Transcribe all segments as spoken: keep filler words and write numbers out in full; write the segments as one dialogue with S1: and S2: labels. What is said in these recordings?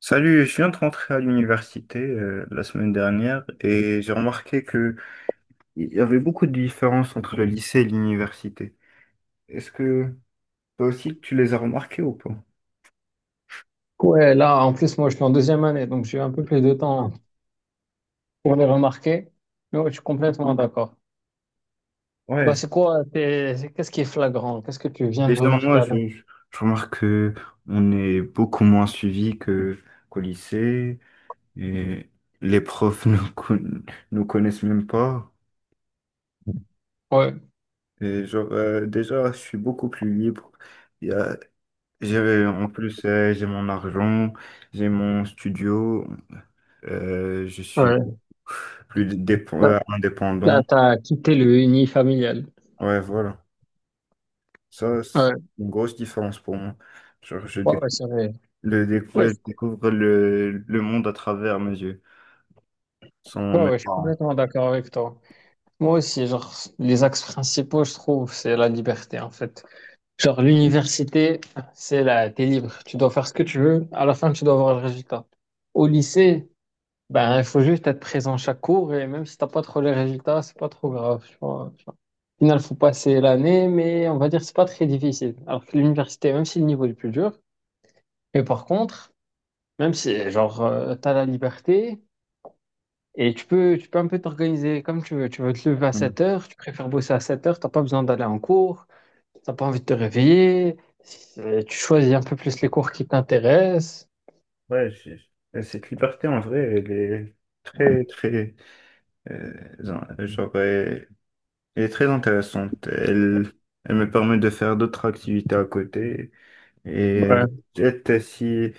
S1: Salut, je viens de rentrer à l'université euh, la semaine dernière et j'ai remarqué que il y avait beaucoup de différences entre le lycée et l'université. Est-ce que toi aussi tu les as remarquées ou pas?
S2: Ouais, là, en plus, moi, je suis en deuxième année, donc j'ai un peu plus de temps pour les remarquer. Mais ouais, je suis complètement d'accord. Bah,
S1: Ouais,
S2: c'est quoi, t'es- c'est- qu'est-ce qui est flagrant? Qu'est-ce que tu viens de
S1: déjà
S2: remarquer
S1: moi je,
S2: avant?
S1: je je remarque que on est beaucoup moins suivi que qu'au lycée et les profs nous, con- nous connaissent même pas.
S2: Ouais,
S1: Et genre euh, déjà je suis beaucoup plus libre. Il y a- j'ai en plus euh, j'ai mon argent, j'ai mon studio. Euh, je suis
S2: ouais.
S1: plus dép-
S2: Là,
S1: euh, indépendant.
S2: là, t'as quitté le uni familial.
S1: Ouais, voilà. Ça, c'est
S2: Ouais,
S1: une grosse différence pour moi. Genre, je,
S2: ouais,
S1: déc-
S2: ouais, c'est vrai.
S1: le déc-
S2: Ouais,
S1: euh, je
S2: je
S1: découvre le, le monde à travers mes yeux, sans
S2: ouais,
S1: mes
S2: ouais, je suis
S1: parents.
S2: complètement d'accord avec toi. Moi aussi, genre, les axes principaux, je trouve, c'est la liberté, en fait. Genre, l'université, c'est là, t'es libre. Tu dois faire ce que tu veux. À la fin, tu dois avoir le résultat. Au lycée, ben, il faut juste être présent chaque cours et même si t'as pas trop les résultats, c'est pas trop grave. Tu vois, tu vois. Au final, faut passer l'année, mais on va dire que c'est pas très difficile. Alors que l'université, même si le niveau est plus dur, mais par contre, même si genre euh, t'as la liberté et tu peux, tu peux un peu t'organiser comme tu veux. Tu veux te lever à
S1: Mm.
S2: sept heures, tu préfères bosser à sept heures, t'as pas besoin d'aller en cours, t'as pas envie de te réveiller, c'est- tu choisis un peu plus les cours qui t'intéressent.
S1: Ouais, j'ai- et cette liberté, en vrai, elle est très, très, euh, in- genre, elle, elle est très intéressante. Elle, elle me permet de faire d'autres activités à côté. Et
S2: Ouais,
S1: peut-être euh, si,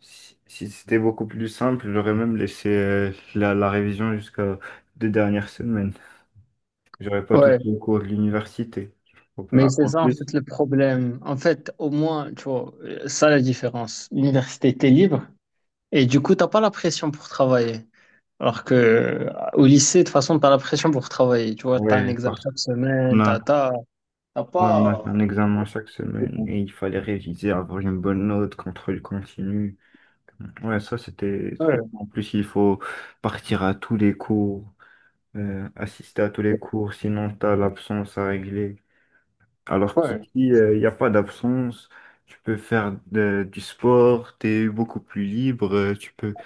S1: si, si c'était beaucoup plus simple, j'aurais même laissé euh, la, la révision jusqu'à deux dernières semaines. J'aurais pas tout
S2: ouais.
S1: les cours de l'université.
S2: Mais
S1: Ah,
S2: c'est
S1: en
S2: ça en
S1: plus,
S2: fait le problème. En fait, au moins, tu vois, euh, ça la différence. L'université, t'es libre et du coup, t'as pas la pression pour travailler. Alors que euh, au lycée, de toute façon, t'as la pression pour travailler. Tu vois, t'as un
S1: ouais,
S2: examen
S1: parce
S2: chaque
S1: qu'on
S2: semaine,
S1: a,
S2: t'as, t'as, t'as
S1: ouais, on a
S2: pas.
S1: un examen chaque semaine et il fallait réviser, avoir une bonne note, contrôle continu. Ouais, ça c'était trop.
S2: Ouais,
S1: En plus, il faut partir à tous les cours, euh, assister à tous les cours, sinon t'as l'absence à régler. Alors
S2: ouais,
S1: Kiki, il n'y a pas d'absence, tu peux faire de- du sport, tu es beaucoup plus libre, euh, tu peux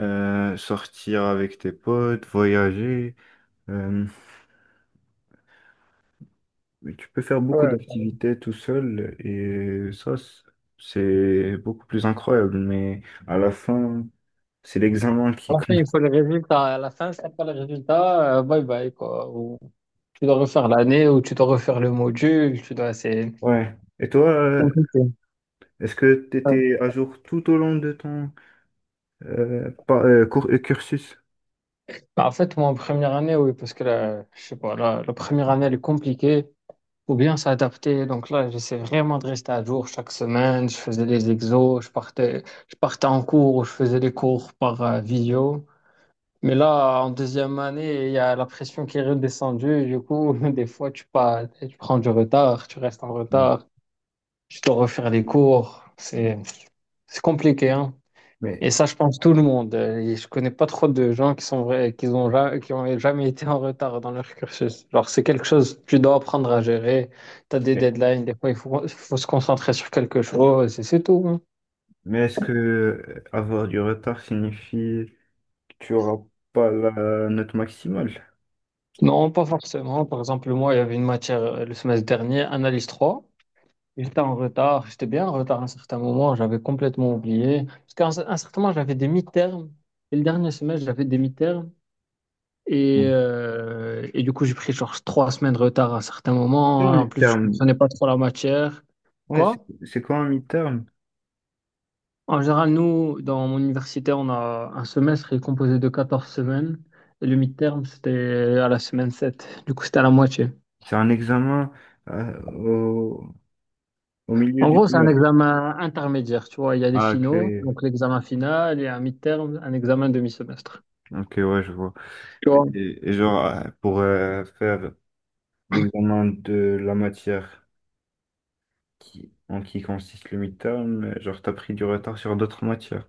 S1: euh, sortir avec tes potes, voyager, euh, tu peux faire beaucoup
S2: ouais.
S1: d'activités tout seul et ça, c- c'est beaucoup plus incroyable, mais à la fin, c'est l'examen
S2: À
S1: qui
S2: la fin,
S1: compte.
S2: il faut les résultats. À la fin, si t'as pas les résultats, euh, bye bye, quoi. Ou tu dois refaire l'année, ou tu dois refaire le module, tu dois, c'est
S1: Ouais. Et toi, euh,
S2: compliqué.
S1: est-ce que tu
S2: Ouais.
S1: étais à jour tout au long de ton euh, par- euh, cour- euh, cursus?
S2: Bah, en fait, moi, en première année, oui, parce que la, je sais pas, la, la première année, elle est compliquée. Faut bien s'adapter. Donc là, j'essaie vraiment de rester à jour chaque semaine. Je faisais des exos, je partais, je partais en cours, ou je faisais des cours par euh, vidéo. Mais là, en deuxième année, il y a la pression qui est redescendue. Du coup, des fois, tu pas, tu prends du retard, tu restes en
S1: Mm.
S2: retard, tu dois refaire les cours. C'est, c'est compliqué, hein.
S1: Mais,
S2: Et ça, je pense tout le monde. Euh, et je connais pas trop de gens qui sont vrais, qui ont, ja- qui ont jamais été en retard dans leur cursus. Genre, c'est quelque chose que tu dois apprendre à gérer. Tu as des
S1: mais
S2: deadlines, des fois, il faut, il faut se concentrer sur quelque chose et c'est tout. Hein.
S1: Mais est-ce que euh, avoir du retard signifie que tu n'auras pas la note maximale?
S2: Non, pas forcément. Par exemple, moi, il y avait une matière euh, le semestre dernier, analyse trois. J'étais en retard. J'étais bien en retard à un certain moment. J'avais complètement oublié. Parce qu'à un, un certain moment, j'avais des mi-termes. Et le dernier semestre, j'avais des mi-termes. Et, euh, et du coup, j'ai pris genre trois semaines de retard à certains
S1: C'est
S2: moments.
S1: un
S2: En plus, je
S1: mi-terme.
S2: comprenais pas trop la matière.
S1: Ouais, c'est
S2: Quoi?
S1: c'est quoi un mi-terme?
S2: En général, nous, dans mon université, on a un semestre qui est composé de quatorze semaines. Et le midterm, c'était à la semaine sept. Du coup, c'était à la moitié.
S1: C'est un examen euh, au, au milieu
S2: En
S1: du
S2: gros, c'est un
S1: semestre.
S2: examen intermédiaire, tu vois. Il y a les
S1: Ah, ok.
S2: finaux, donc l'examen final, et un midterm, un examen demi-semestre.
S1: Ok, ouais, je vois.
S2: Tu vois?
S1: Et, et genre, euh, pour euh, faire l'examen de la matière qui, en qui consiste le mi-terme, euh, genre, t'as pris du retard sur d'autres matières.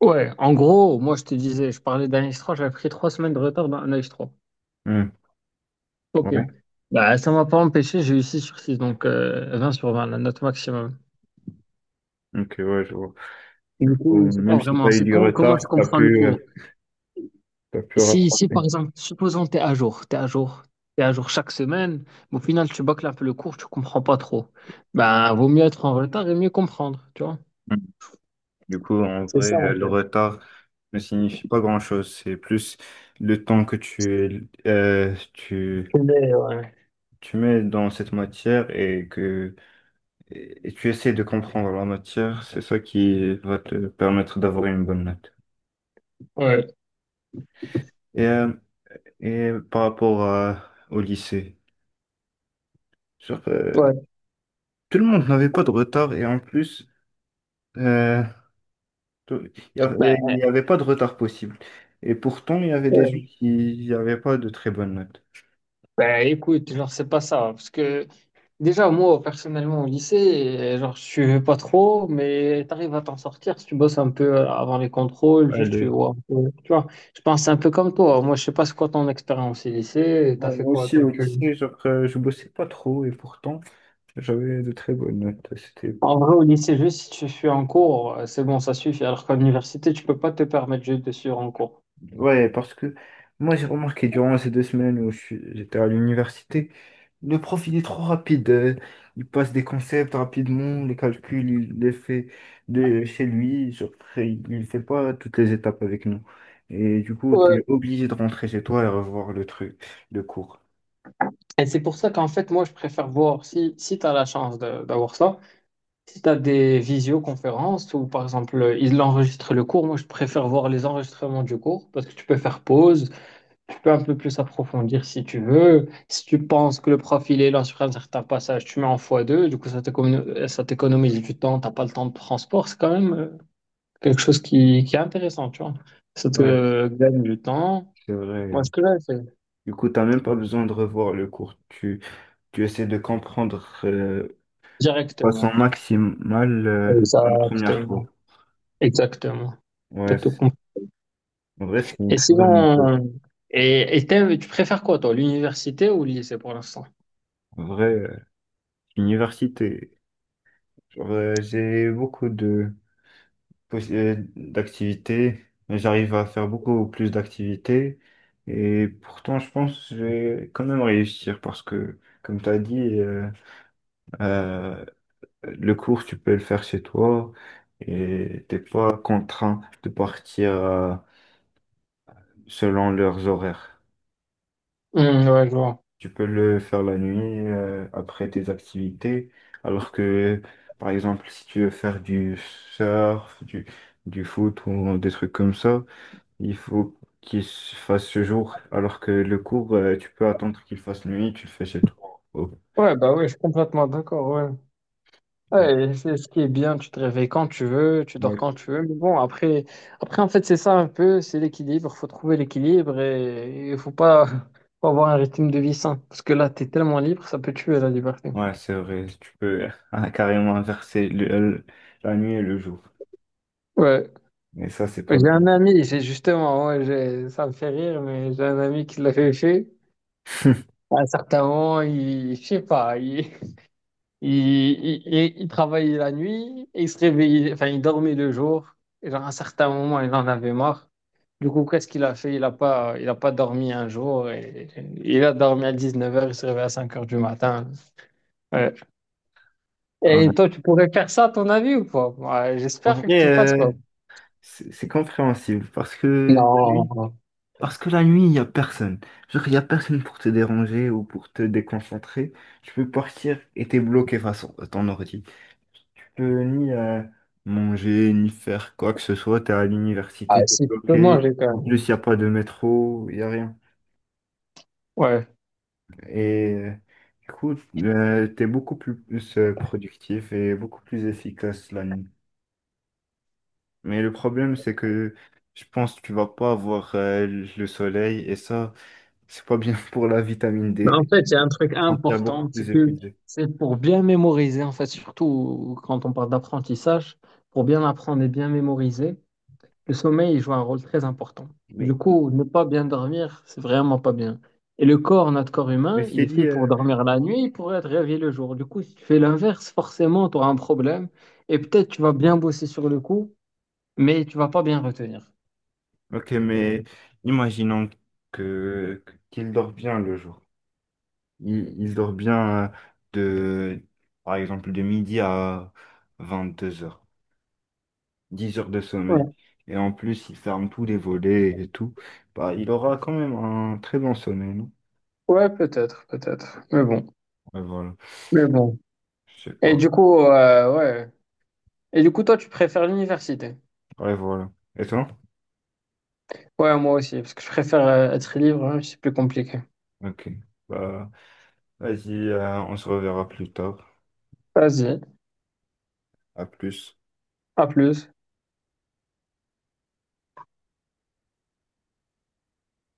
S2: Ouais, en gros, moi, je te disais, je parlais d'un trois. J'avais pris trois semaines de retard dans un trois.
S1: Hmm.
S2: Ok.
S1: Ouais,
S2: Bah, ça m'a pas empêché, j'ai eu six sur six, donc euh, vingt sur vingt, la note maximum.
S1: ok, ouais, je vois.
S2: Et
S1: Du
S2: du
S1: coup,
S2: coup, c'est pas
S1: même si
S2: vraiment,
S1: t'as eu
S2: c'est
S1: du
S2: quand- comment est
S1: retard, t'as
S2: comprends le
S1: pu. euh,
S2: cours?
S1: T'as pu
S2: Si, si
S1: rattraper.
S2: par exemple, supposons que tu es à jour, tu es à jour, tu à jour chaque semaine, mais au final, tu bâcles un peu le cours, tu comprends pas trop. Ben vaut mieux être en retard et mieux comprendre, tu vois?
S1: Mm. Du coup, en
S2: C'est
S1: vrai,
S2: ça,
S1: euh,
S2: en
S1: le
S2: fait.
S1: retard ne signifie pas grand-chose. C'est plus le temps que tu, euh, tu,
S2: Mais, ouais.
S1: tu mets dans cette matière et que et et tu essaies de comprendre la matière. C'est ça qui va te permettre d'avoir une bonne note.
S2: Ouais,
S1: Et, euh, et par rapport à- au lycée, genre, euh,
S2: ouais.
S1: tout le monde n'avait pas de retard et en plus, euh, Tout- Il n'y
S2: Bah,
S1: avait, il y avait pas de retard possible. Et pourtant, il y avait des gens
S2: ouais.
S1: qui n'avaient pas de très bonnes notes.
S2: Bah, écoute, genre, c'est pas ça, parce que déjà, moi, personnellement, au lycée, euh, genre, je suivais pas trop, mais t'arrives à t'en sortir si tu bosses un peu euh, avant les contrôles,
S1: Ouais,
S2: juste, tu
S1: le-
S2: vois, un peu- tu vois, je pense c'est un peu comme toi. Moi, je sais pas c'est quoi ton expérience au lycée, t'as
S1: Moi
S2: fait
S1: moi
S2: quoi,
S1: aussi,
S2: toi,
S1: au
S2: tu...
S1: lycée, genre, euh, je bossais pas trop et pourtant, j'avais de très bonnes notes. C'était...
S2: En vrai, au lycée, juste si tu suis en cours, euh, c'est bon, ça suffit, alors qu'à l'université, tu peux pas te permettre juste de suivre en cours.
S1: Ouais, parce que moi, j'ai remarqué durant ces deux semaines où je suis- j'étais à l'université. Le profil est trop rapide. Euh, il passe des concepts rapidement, les calculs, il les fait de chez lui. Genre, il ne fait pas toutes les étapes avec nous. Et du coup, tu
S2: Ouais.
S1: es obligé de rentrer chez toi et revoir le truc, le cours.
S2: Et c'est pour ça qu'en fait, moi, je préfère voir si, si t'as la chance de- d'avoir ça. Si tu as des visioconférences ou par exemple, ils enregistrent le cours, moi je préfère voir les enregistrements du cours parce que tu peux faire pause, tu peux un peu plus approfondir si tu veux. Si tu penses que le prof il est là sur un certain passage, tu mets en fois deux, du coup ça t'écono- ça t'économise du temps, t'as pas le temps de transport, c'est quand même euh, quelque chose qui, qui est intéressant, tu vois. Ça
S1: Ouais,
S2: te gagne du temps.
S1: c'est
S2: Moi,
S1: vrai.
S2: ce que j'avais fait
S1: Du coup, tu n'as même pas besoin de revoir le cours. Tu, tu essaies de comprendre euh, de façon
S2: directement.
S1: maximale euh, la première
S2: Exactement.
S1: fois.
S2: Exactement. T'as
S1: Ouais,
S2: tout
S1: c'est-
S2: compris.
S1: en vrai, c'est une
S2: Et
S1: très bonne méthode.
S2: sinon, et, et t'aimes- tu préfères quoi, toi, l'université ou le lycée pour l'instant?
S1: En vrai, euh, l'université. Genre, euh, j'ai beaucoup de possi- euh, d'activités. J'arrive à faire beaucoup plus d'activités. Et pourtant, je pense que je vais quand même réussir parce que, comme tu as dit, euh, euh, le cours, tu peux le faire chez toi et t'es pas contraint de partir euh, selon leurs horaires.
S2: Hum, ouais, je vois.
S1: Tu peux le faire la nuit euh, après tes activités, alors que, par exemple, si tu veux faire du surf, du, du foot ou des trucs comme ça, il faut qu'il se fasse ce jour, alors que le cours, euh, tu peux attendre qu'il fasse nuit, tu le fais chez toi. Oh.
S2: Ouais, bah ouais, je suis complètement d'accord, ouais. Ouais, et c'est ce qui est bien, tu te réveilles quand tu veux, tu dors
S1: Ouais.
S2: quand tu veux. Mais bon, après, après en fait, c'est ça un peu, c'est l'équilibre, faut trouver l'équilibre et il faut pas, faut avoir un rythme de vie sain. Parce que là, t'es tellement libre, ça peut tuer la liberté.
S1: Ouais, c'est vrai, tu peux euh, carrément inverser le- le- la nuit et le jour.
S2: Ouais.
S1: Mais ça, c'est pas
S2: J'ai
S1: bien.
S2: un ami, j'ai justement, ouais, j'ai, ça me fait rire, mais j'ai un ami qui l'avait fait. À un certain moment, il, je sais pas, il, Il, il, il- il travaillait la nuit et il se réveillait, enfin, il dormait le jour. Et genre, à un certain moment, il en avait marre. Du coup, qu'est-ce qu'il a fait? Il n'a pas, il a pas dormi un jour. Et, il a dormi à dix-neuf heures. Il se réveille à cinq heures du matin. Ouais.
S1: Ouais.
S2: Et toi, tu pourrais faire ça, à ton avis, ou pas? Ouais,
S1: En
S2: j'espère que
S1: vrai,
S2: tu le fasses
S1: euh,
S2: pas.
S1: c'est c'est compréhensible parce que la nuit,
S2: Non.
S1: parce que la nuit, il n'y a personne. Genre, il n'y a personne pour te déranger ou pour te déconcentrer. Tu peux partir et t'es bloqué face à ton ordi. Tu peux ni euh, manger, ni faire quoi que ce soit. T'es à l'université,
S2: Ah,
S1: t'es
S2: si tu peux
S1: bloqué.
S2: manger quand
S1: En
S2: même.
S1: plus, il n'y a pas de métro, il n'y a rien.
S2: Ouais.
S1: Et euh, du coup, euh, t'es beaucoup plus, euh, productif et beaucoup plus efficace la nuit. Mais le problème, c'est que je pense que tu vas pas avoir euh, le soleil et ça, c'est pas bien pour la vitamine
S2: Mais en
S1: dé.
S2: fait, il y a
S1: Tu
S2: un truc
S1: te sentiras beaucoup
S2: important,
S1: plus
S2: c'est que
S1: épuisé.
S2: c'est pour bien mémoriser, en fait, surtout quand on parle d'apprentissage, pour bien apprendre et bien mémoriser, le sommeil il joue un rôle très important. Du
S1: Mais,
S2: coup, ne pas bien dormir, c'est vraiment pas bien. Et le corps, notre corps
S1: mais
S2: humain,
S1: je
S2: il
S1: t'ai
S2: est
S1: dit,
S2: fait
S1: euh,
S2: pour dormir la nuit et pour être réveillé le jour. Du coup, si tu fais l'inverse, forcément, tu auras un problème. Et peut-être tu vas bien bosser sur le coup, mais tu vas pas bien retenir.
S1: ok, mais imaginons que qu'il dort bien le jour. Il, il dort bien euh, de, par exemple, de midi à vingt-deux heures, dix heures de sommeil.
S2: Ouais,
S1: Et en plus, il ferme tous les volets et tout. Bah, il aura quand même un très bon sommeil, non?
S2: ouais, peut-être, peut-être. Mais bon,
S1: Ouais, voilà.
S2: mais bon.
S1: Je sais
S2: Et
S1: pas.
S2: du coup, euh, ouais. Et du coup, toi, tu préfères l'université?
S1: Ouais, voilà. Et toi?
S2: Ouais, moi aussi, parce que je préfère euh, être libre, hein, c'est plus compliqué.
S1: Ok. Bah, vas-y, euh, on se reverra plus tard.
S2: Vas-y,
S1: À plus.
S2: à plus.